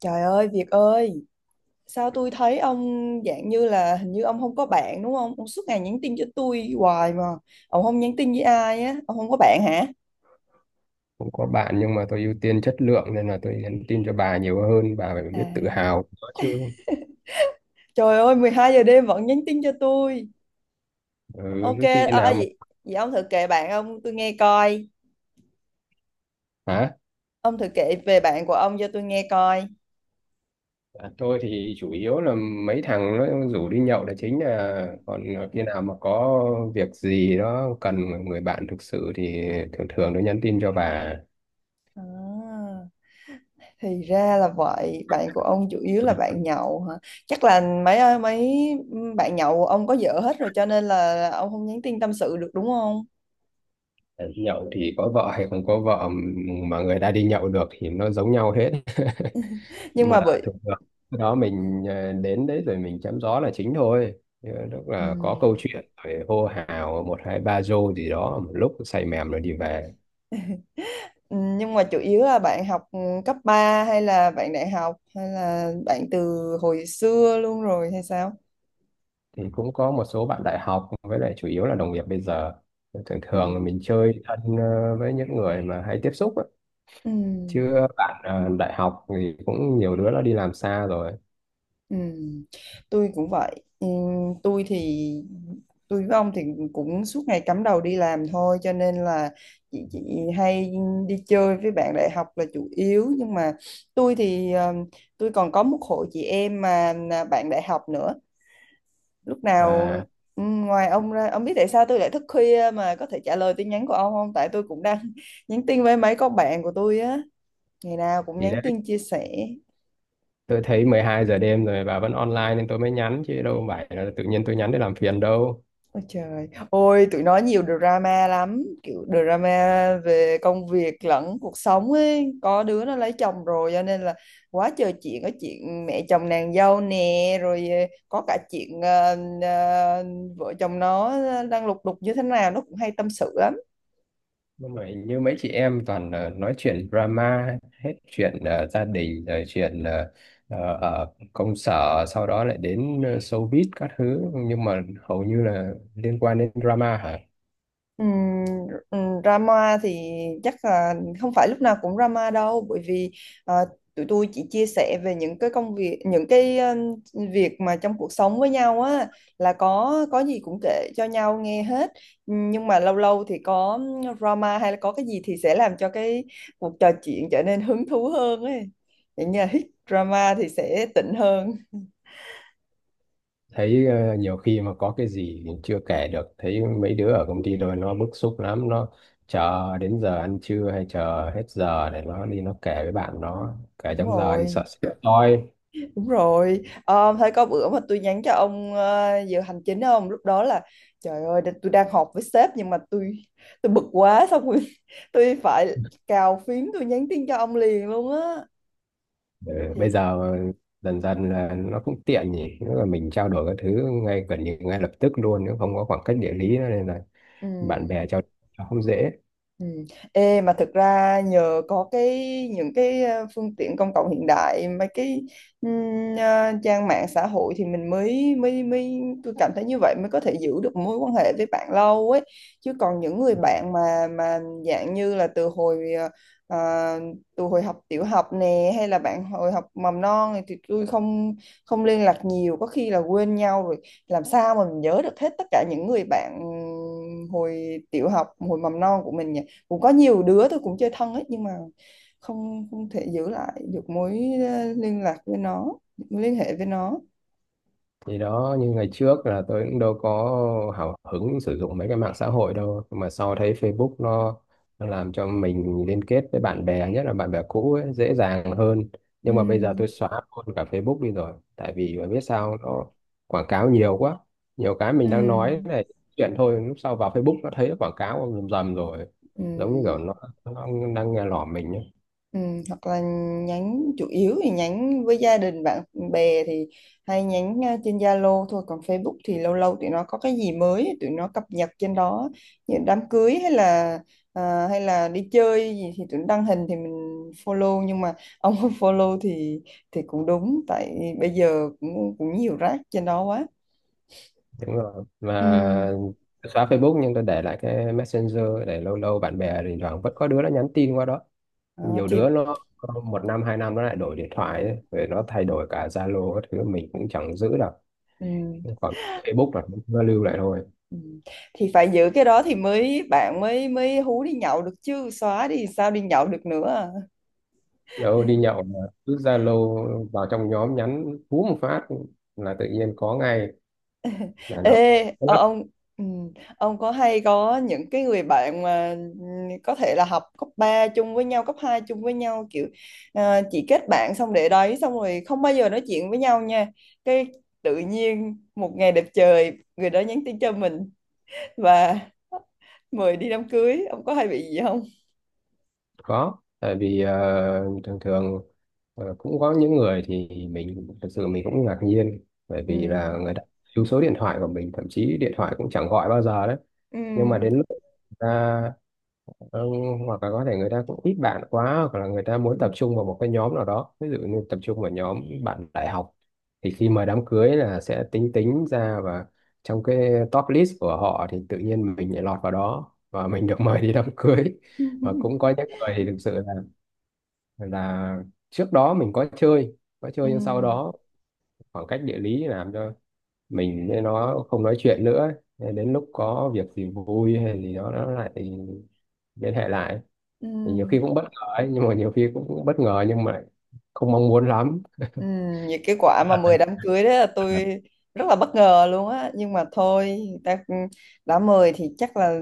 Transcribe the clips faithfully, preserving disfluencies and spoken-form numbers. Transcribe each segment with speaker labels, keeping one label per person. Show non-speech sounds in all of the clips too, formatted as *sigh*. Speaker 1: Trời ơi, Việt ơi, sao tôi thấy ông dạng như là hình như ông không có bạn đúng không? Ông suốt ngày nhắn tin cho tôi hoài mà. Ông không nhắn tin với ai á, ông không có bạn hả?
Speaker 2: Cũng có bạn nhưng mà tôi ưu tiên chất lượng, nên là tôi nhắn tin cho bà nhiều hơn. Bà phải biết tự
Speaker 1: À.
Speaker 2: hào có chứ.
Speaker 1: Trời ơi, mười hai giờ đêm vẫn nhắn tin cho tôi.
Speaker 2: Ừ,
Speaker 1: Ok,
Speaker 2: cái khi
Speaker 1: ờ à,
Speaker 2: nào mà,
Speaker 1: vậy, vậy ông thử kể bạn ông tôi nghe coi.
Speaker 2: hả?
Speaker 1: Ông thử kể về bạn của ông cho tôi nghe coi.
Speaker 2: À, tôi thì chủ yếu là mấy thằng nó rủ đi nhậu là chính à, còn khi nào mà có việc gì đó cần người bạn thực sự thì thường thường tôi nhắn tin cho bà.
Speaker 1: À, thì ra là vậy, bạn của ông chủ yếu là bạn nhậu hả? Chắc là mấy mấy bạn nhậu của ông có vợ hết rồi cho nên là ông không nhắn tin tâm sự được đúng không?
Speaker 2: Nhậu thì có vợ hay không có vợ mà người ta đi nhậu được thì nó giống nhau hết.
Speaker 1: Nhưng
Speaker 2: Mà
Speaker 1: mà bởi.
Speaker 2: thường thường cái đó mình ờ, đến đấy rồi mình chém gió là chính thôi. Ờ, Lúc
Speaker 1: Ừ.
Speaker 2: là có câu chuyện rồi hô hào một hai ba rô gì đó, một lúc say mềm rồi đi về.
Speaker 1: Nhưng mà chủ yếu là bạn học, ừ, cấp ba hay là bạn đại học hay là bạn từ hồi xưa luôn rồi hay sao?
Speaker 2: Thì cũng có một số bạn đại học, với lại chủ yếu là đồng nghiệp bây giờ. Thường
Speaker 1: Ừ.
Speaker 2: thường là mình chơi thân ờ, với những người mà hay tiếp xúc á.
Speaker 1: Ừ.
Speaker 2: Chứ bạn ờ, đại học thì cũng nhiều đứa nó đi làm xa rồi.
Speaker 1: Ừ. Tôi cũng vậy. Ừ, tôi thì tôi với ông thì cũng suốt ngày cắm đầu đi làm thôi cho nên là chị chị hay đi chơi với bạn đại học là chủ yếu, nhưng mà tôi thì ờ, tôi còn có một hội chị em mà là bạn đại học nữa lúc nào.
Speaker 2: À,
Speaker 1: Ừ, ngoài ông ra ông biết tại sao tôi lại thức khuya mà có thể trả lời tin nhắn của ông không, tại tôi cũng đang *laughs* nhắn tin với mấy con bạn của tôi á, ngày nào cũng
Speaker 2: thì
Speaker 1: nhắn
Speaker 2: đấy,
Speaker 1: tin chia sẻ.
Speaker 2: tôi thấy mười hai giờ đêm rồi bà vẫn online nên tôi mới nhắn, chứ đâu phải là tự nhiên tôi nhắn để làm phiền đâu.
Speaker 1: Ôi trời ôi, tụi nó nhiều drama lắm, kiểu drama về công việc lẫn cuộc sống ấy, có đứa nó lấy chồng rồi cho nên là quá trời chuyện, có chuyện mẹ chồng nàng dâu nè, rồi ờ, có cả chuyện ờ, ờ, vợ chồng nó ờ, đang lục đục như thế nào nó cũng hay tâm sự lắm.
Speaker 2: Nhưng mà hình như mấy chị em toàn ờ, nói chuyện drama, hết chuyện ờ, gia đình rồi chuyện ờ, ờ, ở công sở, sau đó lại đến ờ, showbiz các thứ, nhưng mà hầu như là liên quan đến drama hả?
Speaker 1: Ừm, ừm, drama thì chắc là không phải lúc nào cũng drama đâu, bởi vì ờ, tụi tôi chỉ chia sẻ về những cái công việc, những cái ừm, việc mà trong cuộc sống với nhau á, là có có gì cũng kể cho nhau nghe hết. Ừm, nhưng mà lâu lâu thì có drama hay là có cái gì thì sẽ làm cho cái cuộc trò chuyện trở nên hứng thú hơn ấy. Vậy như là drama thì sẽ tịnh hơn.
Speaker 2: Thấy ờ, nhiều khi mà có cái gì chưa kể được, thấy mấy đứa ở công ty rồi nó bức xúc lắm, nó chờ đến giờ ăn trưa hay chờ hết giờ để nó đi nó kể với bạn, nó kể
Speaker 1: Đúng
Speaker 2: trong giờ thì
Speaker 1: rồi.
Speaker 2: sợ sẽ toi.
Speaker 1: Đúng rồi, ờ, thấy có bữa mà tôi nhắn cho ông ờ, giờ hành chính không? Lúc đó là trời ơi, đ- tôi đang họp với sếp nhưng mà tôi tôi bực quá xong rồi, *laughs* tôi phải cào phím tôi nhắn tin cho ông liền luôn á.
Speaker 2: Ờ, Bây
Speaker 1: Thì
Speaker 2: giờ dần dần là nó cũng tiện nhỉ, nếu là mình trao đổi các thứ ngay gần như ngay lập tức luôn, nếu không có khoảng cách địa lý nữa, nên là
Speaker 1: ừ.
Speaker 2: bạn bè trao đổi nó không dễ.
Speaker 1: Ừ. Ê, mà thực ra nhờ có cái những cái ờ, phương tiện công cộng hiện đại, mấy cái ừm, ờ, trang mạng xã hội thì mình mới mới mới tôi cảm thấy như vậy mới có thể giữ được mối quan hệ với bạn lâu ấy, chứ còn những người bạn mà mà dạng như là từ hồi ờ, ờ, từ hồi học tiểu học nè hay là bạn hồi học mầm non này thì tôi không không liên lạc nhiều, có khi là quên nhau rồi, làm sao mà mình nhớ được hết tất cả những người bạn hồi tiểu học hồi mầm non của mình nhỉ. Cũng có nhiều đứa tôi cũng chơi thân ấy, nhưng mà không không thể giữ lại được mối ờ, liên lạc với nó, mối liên hệ với nó.
Speaker 2: Thì đó, như ngày trước là tôi cũng đâu có hào hứng sử dụng mấy cái mạng xã hội đâu. Nhưng mà sau thấy Facebook nó nó làm cho mình liên kết với bạn bè, nhất là bạn bè cũ ấy, dễ dàng hơn.
Speaker 1: Ừ.
Speaker 2: Nhưng mà bây giờ tôi xóa luôn cả Facebook đi rồi, tại vì mà biết sao, nó quảng cáo nhiều quá. Nhiều cái
Speaker 1: Ừ.
Speaker 2: mình đang nói này chuyện thôi, lúc sau vào Facebook nó thấy nó quảng cáo rầm rầm rồi,
Speaker 1: Ừ.
Speaker 2: giống như kiểu nó, nó đang nghe lỏm mình.
Speaker 1: Ừ, hoặc là nhắn chủ yếu thì nhắn với gia đình, bạn bè thì hay nhắn ờ, trên Zalo thôi, còn Facebook thì lâu lâu tụi nó có cái gì mới tụi nó cập nhật trên đó, như đám cưới hay là ờ, hay là đi chơi gì thì tụi nó đăng hình thì mình follow, nhưng mà *laughs* ông không follow thì thì cũng đúng, tại bây giờ cũng cũng nhiều rác trên đó quá.
Speaker 2: Đúng rồi
Speaker 1: Ừ.
Speaker 2: mà, tôi xóa Facebook nhưng tôi để lại cái Messenger, để lâu lâu bạn bè thỉnh thoảng vẫn có đứa nó nhắn tin qua đó.
Speaker 1: Ờ,
Speaker 2: Nhiều
Speaker 1: thì
Speaker 2: đứa nó có một năm hai năm nó lại đổi điện thoại ấy, rồi nó thay đổi cả Zalo các thứ mình cũng chẳng giữ được.
Speaker 1: ừ.
Speaker 2: Còn Facebook là nó lưu lại thôi.
Speaker 1: Ừ. Thì phải giữ cái đó thì mới bạn mới mới hú đi nhậu được chứ xóa đi sao đi nhậu được nữa à.
Speaker 2: Đâu đi nhậu mà, cứ Zalo vào trong nhóm nhắn hú một phát là tự nhiên có ngay là nó.
Speaker 1: Ê ờ, ông, ừ, ông có hay có những cái người bạn mà ừ, có thể là học cấp ba chung với nhau, cấp hai chung với nhau, kiểu à, chỉ kết bạn xong để đấy xong rồi không bao giờ nói chuyện với nhau nha, cái tự nhiên một ngày đẹp trời người đó nhắn tin cho mình và mời đi đám cưới, ông có hay bị gì không?
Speaker 2: Có, tại vì ờ, thường thường ờ, cũng có những người thì mình thật sự mình cũng ngạc nhiên, bởi
Speaker 1: Ừ.
Speaker 2: vì là người ta lưu số điện thoại của mình thậm chí điện thoại cũng chẳng gọi bao giờ đấy. Nhưng mà
Speaker 1: Ừ.
Speaker 2: đến lúc người ta ờ, hoặc là có thể người ta cũng ít bạn quá, hoặc là người ta muốn tập trung vào một cái nhóm nào đó, ví dụ như tập trung vào nhóm bạn đại học, thì khi mời đám cưới là sẽ tính tính ra, và trong cái top list của họ thì tự nhiên mình lại lọt vào đó và *laughs* mình được mời đi đám cưới. Và cũng có
Speaker 1: *laughs*
Speaker 2: những người thì thực sự là là trước đó mình có chơi có
Speaker 1: Ừ.
Speaker 2: chơi nhưng sau đó khoảng cách địa lý làm cho mình với nó không nói chuyện nữa. Nên đến lúc có việc gì vui hay gì đó nó lại liên hệ lại.
Speaker 1: Ừ.
Speaker 2: Thì nhiều khi cũng bất ngờ ấy, nhưng mà nhiều khi cũng, cũng bất ngờ nhưng mà không mong muốn lắm.
Speaker 1: Ừ, những cái quả mà mời đám cưới đó là tôi rất là bất ngờ luôn á, nhưng mà thôi người ta cũng đã mời thì chắc là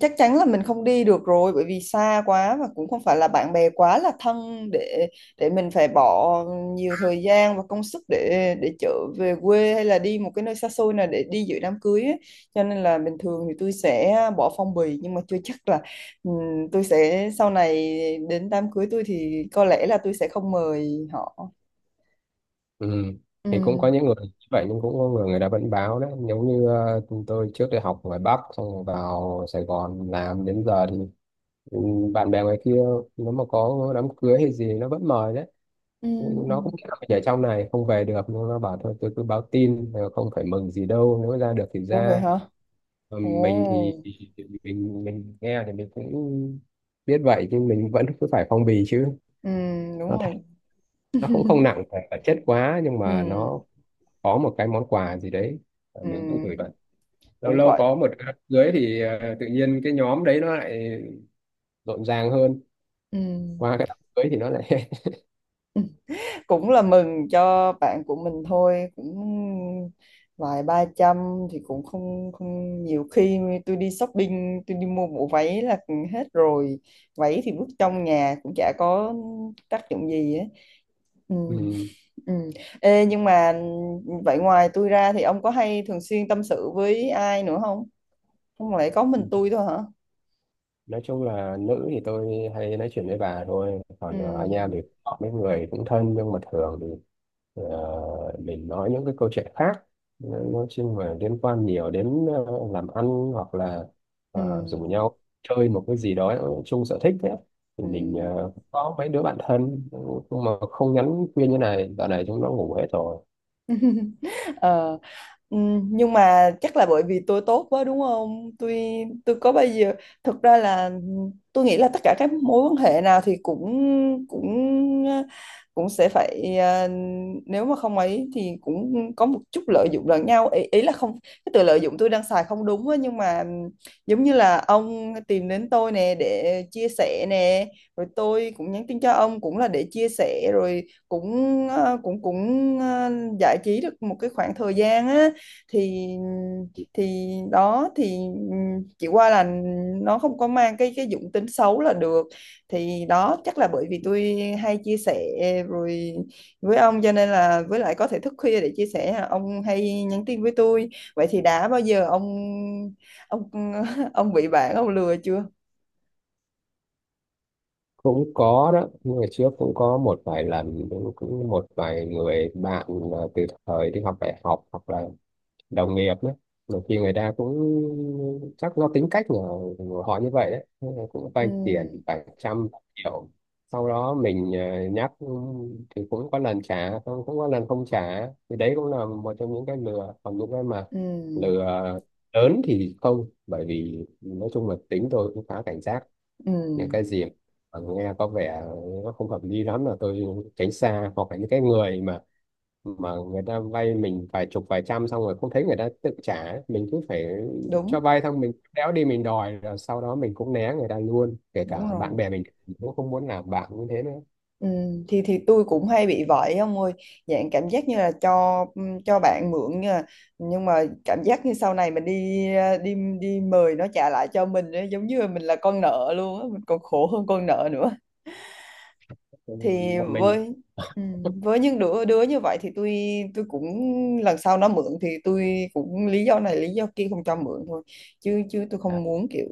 Speaker 1: chắc chắn là mình không đi được rồi, bởi vì xa quá và cũng không phải là bạn bè quá là thân để để mình phải bỏ nhiều thời gian và công sức để để trở về quê hay là đi một cái nơi xa xôi nào để đi dự đám cưới ấy. Cho nên là bình thường thì tôi sẽ bỏ phong bì, nhưng mà chưa chắc là ừ, tôi sẽ sau này đến đám cưới tôi thì có lẽ là tôi sẽ không mời họ.
Speaker 2: Ừ.
Speaker 1: Ừ.
Speaker 2: Thì cũng có những người như vậy nhưng cũng có người, người ta vẫn báo đấy, giống như ờ, tôi trước đây học ngoài Bắc xong rồi vào Sài Gòn làm đến giờ thì, ừ, bạn bè ngoài kia nếu mà có đám cưới hay gì nó vẫn mời đấy.
Speaker 1: Ừ.
Speaker 2: Ừ,
Speaker 1: Ừ.
Speaker 2: nó cũng kiểu ở trong này không về được nhưng nó bảo thôi tôi cứ báo tin, ờ, không phải mừng gì đâu, nếu ra được thì
Speaker 1: Ủa vậy
Speaker 2: ra.
Speaker 1: hả.
Speaker 2: Ờ, mình thì
Speaker 1: Ồ.
Speaker 2: thì- thì mình mình nghe thì mình cũng biết vậy nhưng mình vẫn cứ phải phong bì chứ.
Speaker 1: Ừ
Speaker 2: Nó
Speaker 1: đúng
Speaker 2: thật,
Speaker 1: rồi.
Speaker 2: nó cũng không nặng về vật chất quá nhưng mà
Speaker 1: Ừ.
Speaker 2: nó có một cái món quà gì đấy, ờ,
Speaker 1: Ừ.
Speaker 2: mình cũng gửi bạn. Lâu
Speaker 1: Cũng
Speaker 2: lâu
Speaker 1: gọi.
Speaker 2: có một cái đám cưới thì ờ, tự nhiên cái nhóm đấy nó lại rộn ràng hơn,
Speaker 1: Ừ.
Speaker 2: qua cái đám cưới thì nó lại
Speaker 1: *laughs* Cũng là mừng cho bạn của mình thôi, cũng vài ba trăm thì cũng không không nhiều, khi tôi đi shopping tôi đi mua bộ váy là hết rồi, váy thì vứt trong nhà cũng chả có tác dụng gì ấy. Ừ,
Speaker 2: *laughs*
Speaker 1: ừ. Ê, nhưng mà vậy ngoài tôi ra thì ông có hay thường xuyên tâm sự với ai nữa không? Không lẽ có
Speaker 2: ừ.
Speaker 1: mình tôi thôi hả?
Speaker 2: Nói chung là nữ thì tôi hay nói chuyện với bà thôi,
Speaker 1: Ừ,
Speaker 2: còn ờ, anh em thì họ mấy người cũng thân nhưng mà thường thì ờ, mình nói những cái câu chuyện khác, nói nói chung là liên quan nhiều đến ờ, làm ăn, hoặc là
Speaker 1: ừ,
Speaker 2: ờ, rủ nhau chơi một cái gì đó chung sở thích đấy, thì
Speaker 1: ừ.
Speaker 2: mình ờ, có mấy đứa bạn thân. Nhưng mà không nhắn khuyên như này, dạo này chúng nó ngủ hết rồi.
Speaker 1: Ờ, ừm, nhưng mà chắc là bởi vì tôi tốt quá đúng không? Tôi tôi có bao giờ thực ra là tôi nghĩ là tất cả các mối quan hệ nào thì cũng cũng cũng sẽ phải ờ, nếu mà không ấy thì cũng có một chút lợi dụng lẫn nhau ý, ý là không, cái từ lợi dụng tôi đang xài không đúng á, nhưng mà giống như là ông tìm đến tôi nè để chia sẻ nè, rồi tôi cũng nhắn tin cho ông cũng là để chia sẻ, rồi cũng ờ, cũng cũng ờ, giải trí được một cái khoảng thời gian á, thì thì đó thì ừm, chỉ qua là nó không có mang cái cái dụng tính xấu là được, thì đó chắc là bởi vì tôi hay chia sẻ rồi với ông, cho nên là với lại có thể thức khuya để chia sẻ à, ông hay nhắn tin với tôi. Vậy thì đã bao giờ ông ông *laughs* ông bị bạn ông lừa chưa?
Speaker 2: Cũng có đó, ngày trước cũng có một vài lần, cũng cũng một vài người bạn là từ thời đi học đại học hoặc là đồng nghiệp nữa. Nhiều khi người ta cũng chắc do tính cách của, của họ như vậy đấy. Thế là cũng
Speaker 1: Ừ.
Speaker 2: vay tiền vài trăm triệu, sau đó mình ờ, nhắc, ừ, thì cũng có lần trả, không cũng có lần không trả, thì đấy cũng là một trong những cái lừa. Còn những cái mà
Speaker 1: Ừ.
Speaker 2: lừa lớn thì không, bởi vì nói chung là tính tôi cũng khá cảnh giác. Những
Speaker 1: Ừ.
Speaker 2: cái gì mà nghe có vẻ nó không hợp lý lắm là tôi tránh xa, hoặc là những cái người mà mà người ta vay mình vài chục vài trăm xong rồi không thấy người ta tự trả ấy, mình cứ phải
Speaker 1: Đúng
Speaker 2: cho vay xong mình đéo đi mình đòi, rồi sau đó mình cũng né người ta luôn, kể
Speaker 1: đúng
Speaker 2: cả bạn
Speaker 1: rồi.
Speaker 2: bè mình mình cũng không muốn làm bạn như thế nữa.
Speaker 1: Ừ, thì thì tôi cũng hay bị vậy ông ơi, dạng cảm giác như là cho ừ, cho bạn mượn, nhưng mà, nhưng mà cảm giác như sau này mình đi à, đi đi mời nó trả lại cho mình ấy, giống như là mình là con nợ luôn á, mình còn khổ hơn con nợ nữa.
Speaker 2: Ừ,
Speaker 1: Thì
Speaker 2: một mình
Speaker 1: với ừ, với những đứa đứa như vậy thì tôi tôi cũng lần sau nó mượn thì tôi cũng lý do này lý do kia không cho mượn thôi, chứ chứ tôi
Speaker 2: à?
Speaker 1: không muốn kiểu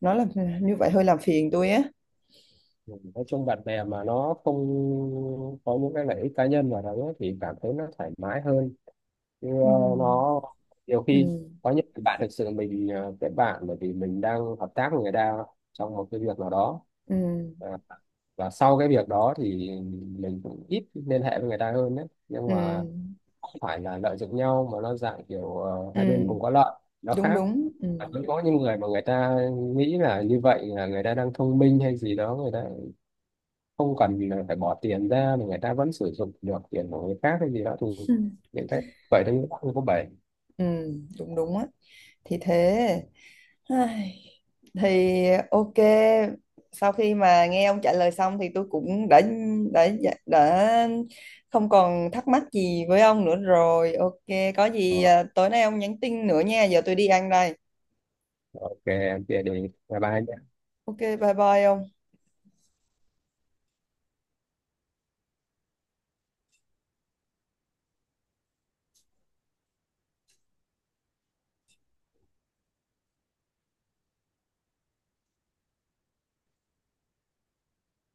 Speaker 1: nó là như vậy hơi làm phiền tôi á.
Speaker 2: Ừ, nói chung bạn bè mà nó không có những cái lợi ích cá nhân vào đó thì cảm thấy nó thoải mái hơn. Chứ,
Speaker 1: Ừ,
Speaker 2: ờ, nó nhiều
Speaker 1: ừ,
Speaker 2: khi có những cái bạn thực sự mình ờ, kết bạn bởi vì mình đang hợp tác với người ta trong một cái việc nào đó,
Speaker 1: ừ,
Speaker 2: và, và sau cái việc đó thì mình cũng ít liên hệ với người ta hơn đấy, nhưng
Speaker 1: ừ.
Speaker 2: mà không phải là lợi dụng nhau mà nó dạng kiểu ờ, hai bên
Speaker 1: Ừ,
Speaker 2: cùng có lợi, nó
Speaker 1: đúng
Speaker 2: khác.
Speaker 1: đúng, ừ.
Speaker 2: Và cũng có những người mà người ta nghĩ là như vậy là người ta đang thông minh hay gì đó, người ta không cần là phải bỏ tiền ra mà người ta vẫn sử dụng được tiền của người khác hay gì đó, thì
Speaker 1: Ừ.
Speaker 2: những cái vậy đấy cũng không có bể.
Speaker 1: Ừ, đúng đúng á, thì thế. Ai, thì ok, sau khi mà nghe ông trả lời xong thì tôi cũng đã đã dạ, đã không còn thắc mắc gì với ông nữa rồi, ok, có gì à, tối nay ông nhắn tin nữa nha, giờ tôi đi ăn đây.
Speaker 2: Ok, em chia đi, bye bye.
Speaker 1: Ok bye bye ông.